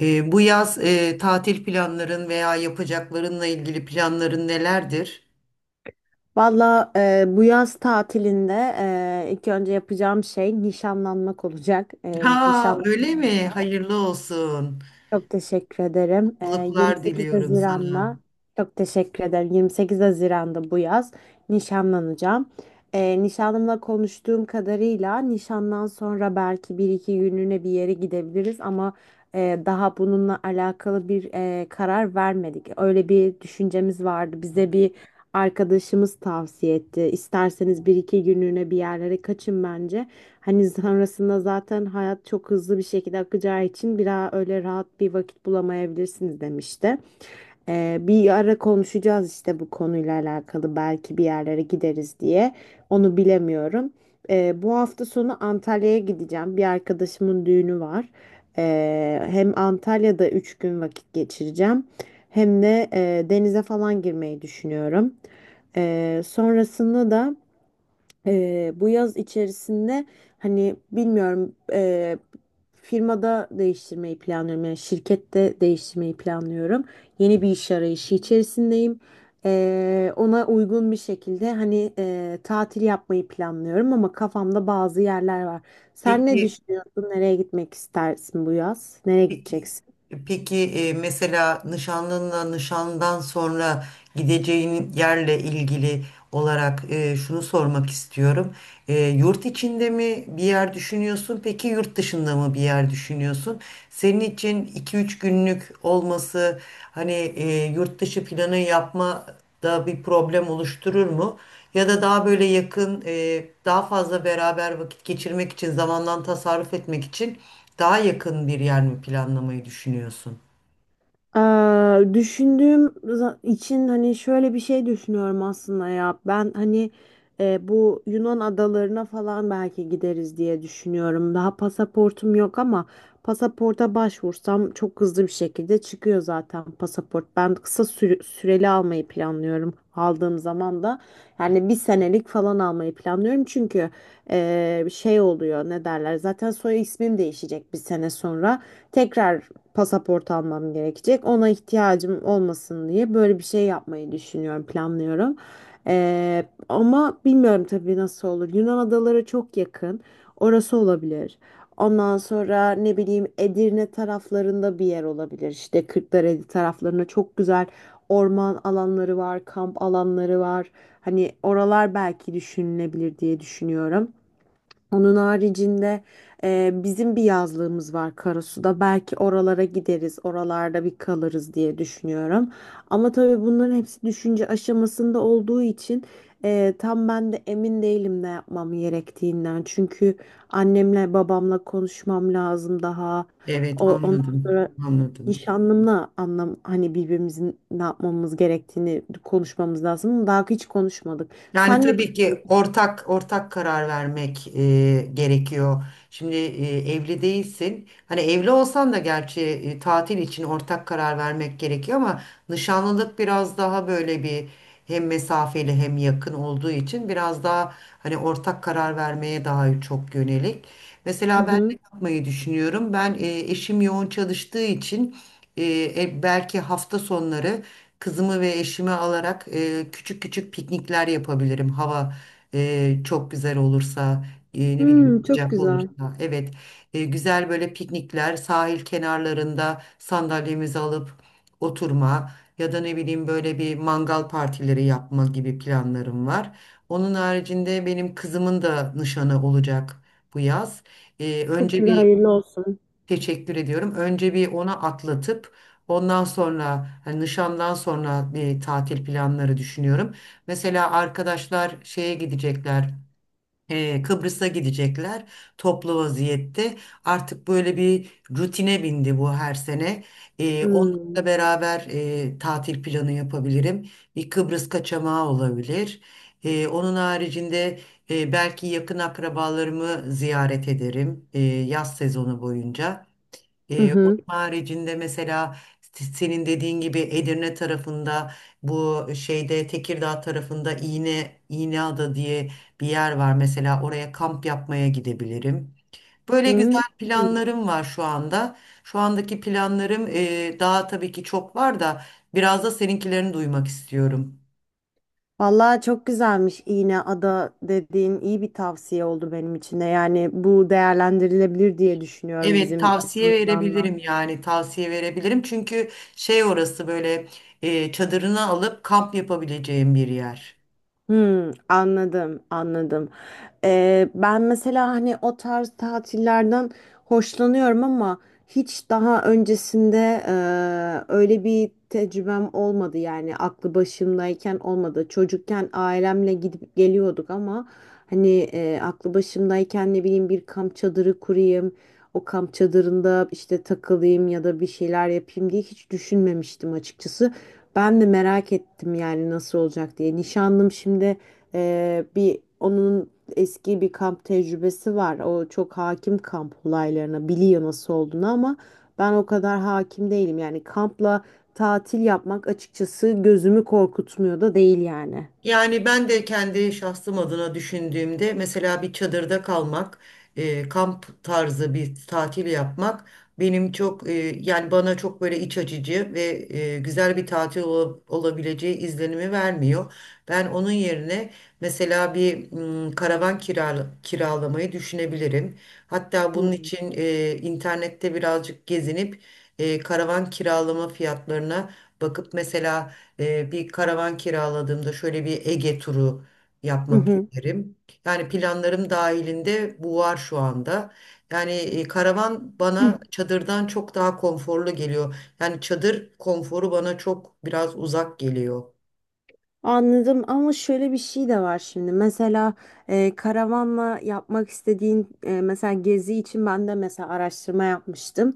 Bu yaz tatil planların veya yapacaklarınla ilgili planların nelerdir? Valla bu yaz tatilinde ilk önce yapacağım şey nişanlanmak olacak. Ha, öyle Nişanlanacağım bu mi? yaz. Hayırlı olsun. Çok teşekkür ederim. Mutluluklar 28 diliyorum sana. Haziran'da çok teşekkür ederim. 28 Haziran'da bu yaz nişanlanacağım. Nişanlımla konuştuğum kadarıyla nişandan sonra belki bir iki günlüğüne bir yere gidebiliriz ama daha bununla alakalı bir karar vermedik. Öyle bir düşüncemiz vardı. Bize bir arkadaşımız tavsiye etti. İsterseniz bir iki günlüğüne bir yerlere kaçın bence. Hani sonrasında zaten hayat çok hızlı bir şekilde akacağı için bir daha öyle rahat bir vakit bulamayabilirsiniz demişti. Bir ara konuşacağız işte bu konuyla alakalı belki bir yerlere gideriz diye. Onu bilemiyorum. Bu hafta sonu Antalya'ya gideceğim. Bir arkadaşımın düğünü var. Hem Antalya'da 3 gün vakit geçireceğim. Hem de denize falan girmeyi düşünüyorum. Sonrasında da bu yaz içerisinde hani bilmiyorum, firmada değiştirmeyi planlıyorum, yani şirkette değiştirmeyi planlıyorum. Yeni bir iş arayışı içerisindeyim. Ona uygun bir şekilde hani tatil yapmayı planlıyorum ama kafamda bazı yerler var. Sen ne Peki, düşünüyorsun? Nereye gitmek istersin bu yaz? Nereye peki, gideceksin? peki, mesela nişanlınla nişandan sonra gideceğin yerle ilgili olarak şunu sormak istiyorum. Yurt içinde mi bir yer düşünüyorsun? Peki yurt dışında mı bir yer düşünüyorsun? Senin için iki üç günlük olması hani yurt dışı planı yapmada bir problem oluşturur mu? Ya da daha böyle yakın, daha fazla beraber vakit geçirmek için, zamandan tasarruf etmek için daha yakın bir yer mi planlamayı düşünüyorsun? İçin hani şöyle bir şey düşünüyorum aslında ya. Ben hani bu Yunan adalarına falan belki gideriz diye düşünüyorum. Daha pasaportum yok ama pasaporta başvursam çok hızlı bir şekilde çıkıyor zaten pasaport. Ben kısa süreli almayı planlıyorum. Aldığım zaman da yani bir senelik falan almayı planlıyorum, çünkü şey oluyor, ne derler, zaten soy ismim değişecek, bir sene sonra tekrar pasaport almam gerekecek. Ona ihtiyacım olmasın diye böyle bir şey yapmayı düşünüyorum, planlıyorum. Ama bilmiyorum tabii nasıl olur. Yunan adaları çok yakın. Orası olabilir. Ondan sonra ne bileyim Edirne taraflarında bir yer olabilir. İşte Kırklareli taraflarında çok güzel orman alanları var, kamp alanları var. Hani oralar belki düşünülebilir diye düşünüyorum. Onun haricinde bizim bir yazlığımız var Karasu'da. Belki oralara gideriz, oralarda bir kalırız diye düşünüyorum. Ama tabii bunların hepsi düşünce aşamasında olduğu için tam ben de emin değilim ne yapmam gerektiğinden. Çünkü annemle babamla konuşmam lazım daha. Evet, Ondan anladım, sonra anladım. nişanlımla anlam hani birbirimizin ne yapmamız gerektiğini konuşmamız lazım. Daha hiç konuşmadık. Yani Senle. tabii ki ortak karar vermek gerekiyor. Şimdi evli değilsin. Hani evli olsan da gerçi tatil için ortak karar vermek gerekiyor ama nişanlılık biraz daha böyle bir hem mesafeli hem yakın olduğu için biraz daha hani ortak karar vermeye daha çok yönelik. Hı Mesela ben ne hı. yapmayı düşünüyorum? Ben eşim yoğun çalıştığı için e, belki hafta sonları kızımı ve eşimi alarak küçük küçük piknikler yapabilirim. Hava çok güzel olursa, ne bileyim Çok sıcak güzel. olursa. Evet, güzel böyle piknikler, sahil kenarlarında sandalyemizi alıp oturma ya da ne bileyim böyle bir mangal partileri yapma gibi planlarım var. Onun haricinde benim kızımın da nişanı olacak bu yaz. E, Çok önce güzel, bir hayırlı olsun. Teşekkür ediyorum. Önce bir ona atlatıp ondan sonra hani nişandan sonra bir tatil planları düşünüyorum. Mesela arkadaşlar şeye gidecekler. Kıbrıs'a gidecekler toplu vaziyette. Artık böyle bir rutine bindi bu her sene. Hmm. Onlarla beraber tatil planı yapabilirim. Bir Kıbrıs kaçamağı olabilir. Onun haricinde belki yakın akrabalarımı ziyaret ederim yaz sezonu boyunca. Hı Onun hı. haricinde mesela senin dediğin gibi Edirne tarafında bu şeyde Tekirdağ tarafında İğneada diye bir yer var. Mesela oraya kamp yapmaya gidebilirim. Böyle güzel Hmm. planlarım var şu anda. Şu andaki planlarım daha tabii ki çok var da biraz da seninkilerini duymak istiyorum. Vallahi çok güzelmiş, iğne ada dediğin iyi bir tavsiye oldu benim için de. Yani bu değerlendirilebilir diye düşünüyorum Evet, bizim tavsiye açımızdan da. verebilirim, yani tavsiye verebilirim. Çünkü şey, orası böyle çadırını alıp kamp yapabileceğim bir yer. Hmm, anladım, anladım. Ben mesela hani o tarz tatillerden hoşlanıyorum ama hiç daha öncesinde öyle bir tecrübem olmadı, yani aklı başımdayken olmadı. Çocukken ailemle gidip geliyorduk ama hani aklı başımdayken ne bileyim bir kamp çadırı kurayım, o kamp çadırında işte takılayım ya da bir şeyler yapayım diye hiç düşünmemiştim açıkçası. Ben de merak ettim yani nasıl olacak diye. Nişanlım şimdi bir onun eski bir kamp tecrübesi var. O çok hakim kamp olaylarına, biliyor nasıl olduğunu, ama ben o kadar hakim değilim. Yani kampla tatil yapmak açıkçası gözümü korkutmuyor da değil yani. Yani ben de kendi şahsım adına düşündüğümde mesela bir çadırda kalmak, kamp tarzı bir tatil yapmak benim çok yani bana çok böyle iç açıcı ve güzel bir tatil olabileceği izlenimi vermiyor. Ben onun yerine mesela bir karavan kiralamayı düşünebilirim. Hatta Hı bunun için internette birazcık gezinip karavan kiralama fiyatlarına bakıp mesela bir karavan kiraladığımda şöyle bir Ege turu yapmak hı. isterim. Yani planlarım dahilinde bu var şu anda. Yani karavan bana çadırdan çok daha konforlu geliyor. Yani çadır konforu bana çok biraz uzak geliyor. Anladım ama şöyle bir şey de var şimdi. Mesela karavanla yapmak istediğin mesela gezi için ben de mesela araştırma yapmıştım.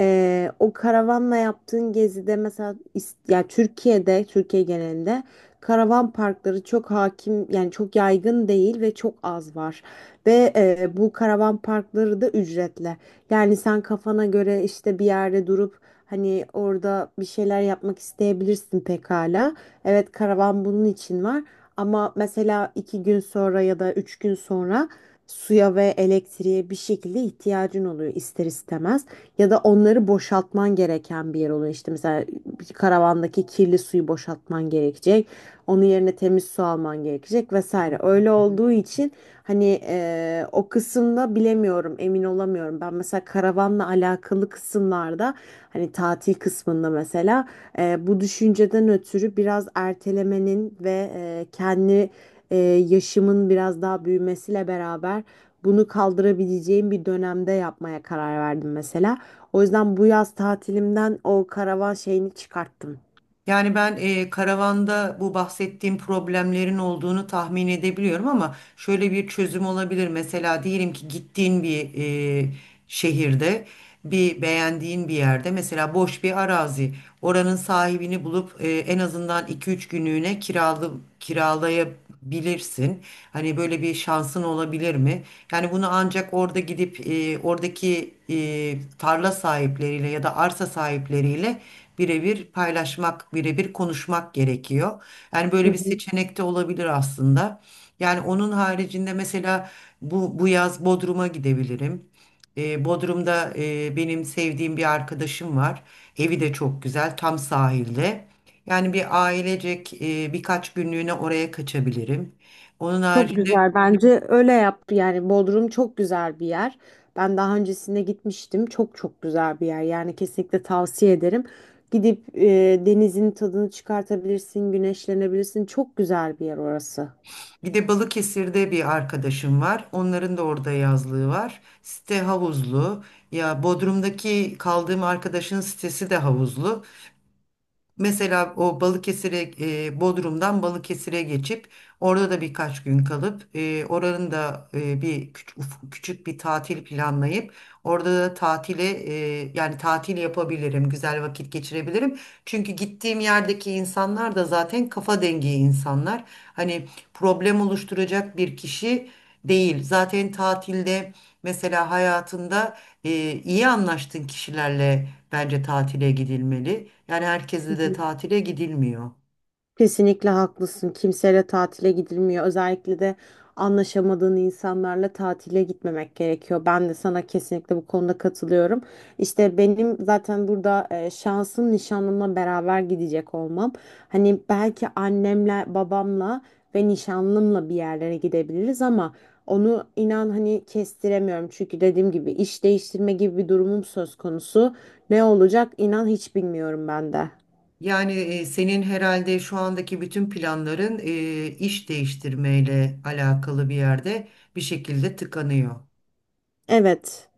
O karavanla yaptığın gezide mesela ya, Türkiye genelinde karavan parkları çok hakim, yani çok yaygın değil ve çok az var. Ve bu karavan parkları da ücretli. Yani sen kafana göre işte bir yerde durup hani orada bir şeyler yapmak isteyebilirsin pekala. Evet, karavan bunun için var ama mesela 2 gün sonra ya da 3 gün sonra suya ve elektriğe bir şekilde ihtiyacın oluyor ister istemez. Ya da onları boşaltman gereken bir yer oluyor. İşte mesela bir karavandaki kirli suyu boşaltman gerekecek. Onun yerine temiz su alman gerekecek, vesaire. Öyle olduğu için hani o kısımda bilemiyorum, emin olamıyorum. Ben mesela karavanla alakalı kısımlarda hani tatil kısmında mesela bu düşünceden ötürü biraz ertelemenin ve kendi e, yaşımın biraz daha büyümesiyle beraber bunu kaldırabileceğim bir dönemde yapmaya karar verdim mesela. O yüzden bu yaz tatilimden o karavan şeyini çıkarttım. Yani ben karavanda bu bahsettiğim problemlerin olduğunu tahmin edebiliyorum ama şöyle bir çözüm olabilir. Mesela diyelim ki gittiğin bir e, şehirde, bir beğendiğin bir yerde mesela boş bir arazi, oranın sahibini bulup en azından iki üç günlüğüne kiralaya bilirsin. Hani böyle bir şansın olabilir mi? Yani bunu ancak orada gidip oradaki tarla sahipleriyle ya da arsa sahipleriyle birebir paylaşmak, birebir konuşmak gerekiyor. Yani böyle bir seçenek de olabilir aslında. Yani onun haricinde mesela bu yaz Bodrum'a gidebilirim. Bodrum'da benim sevdiğim bir arkadaşım var. Evi de çok güzel, tam sahilde. Yani bir ailecek birkaç günlüğüne oraya kaçabilirim. Onun Çok haricinde güzel, bence öyle yaptı. Yani Bodrum çok güzel bir yer. Ben daha öncesinde gitmiştim. Çok çok güzel bir yer. Yani kesinlikle tavsiye ederim. Gidip denizin tadını çıkartabilirsin, güneşlenebilirsin. Çok güzel bir yer orası. bir de Balıkesir'de bir arkadaşım var. Onların da orada yazlığı var. Site havuzlu. Ya Bodrum'daki kaldığım arkadaşın sitesi de havuzlu. Mesela o Bodrum'dan Balıkesir'e geçip orada da birkaç gün kalıp oranın da bir küçük, küçük bir tatil planlayıp orada da yani tatil yapabilirim, güzel vakit geçirebilirim. Çünkü gittiğim yerdeki insanlar da zaten kafa dengi insanlar. Hani problem oluşturacak bir kişi değil. Zaten tatilde mesela hayatında iyi anlaştığın kişilerle bence tatile gidilmeli. Yani herkese de tatile gidilmiyor. Kesinlikle haklısın. Kimseyle tatile gidilmiyor. Özellikle de anlaşamadığın insanlarla tatile gitmemek gerekiyor. Ben de sana kesinlikle bu konuda katılıyorum. İşte benim zaten burada şansım nişanlımla beraber gidecek olmam. Hani belki annemle, babamla ve nişanlımla bir yerlere gidebiliriz ama onu inan hani kestiremiyorum. Çünkü dediğim gibi iş değiştirme gibi bir durumum söz konusu. Ne olacak inan hiç bilmiyorum ben de. Yani senin herhalde şu andaki bütün planların iş değiştirmeyle alakalı bir yerde bir şekilde tıkanıyor. Evet.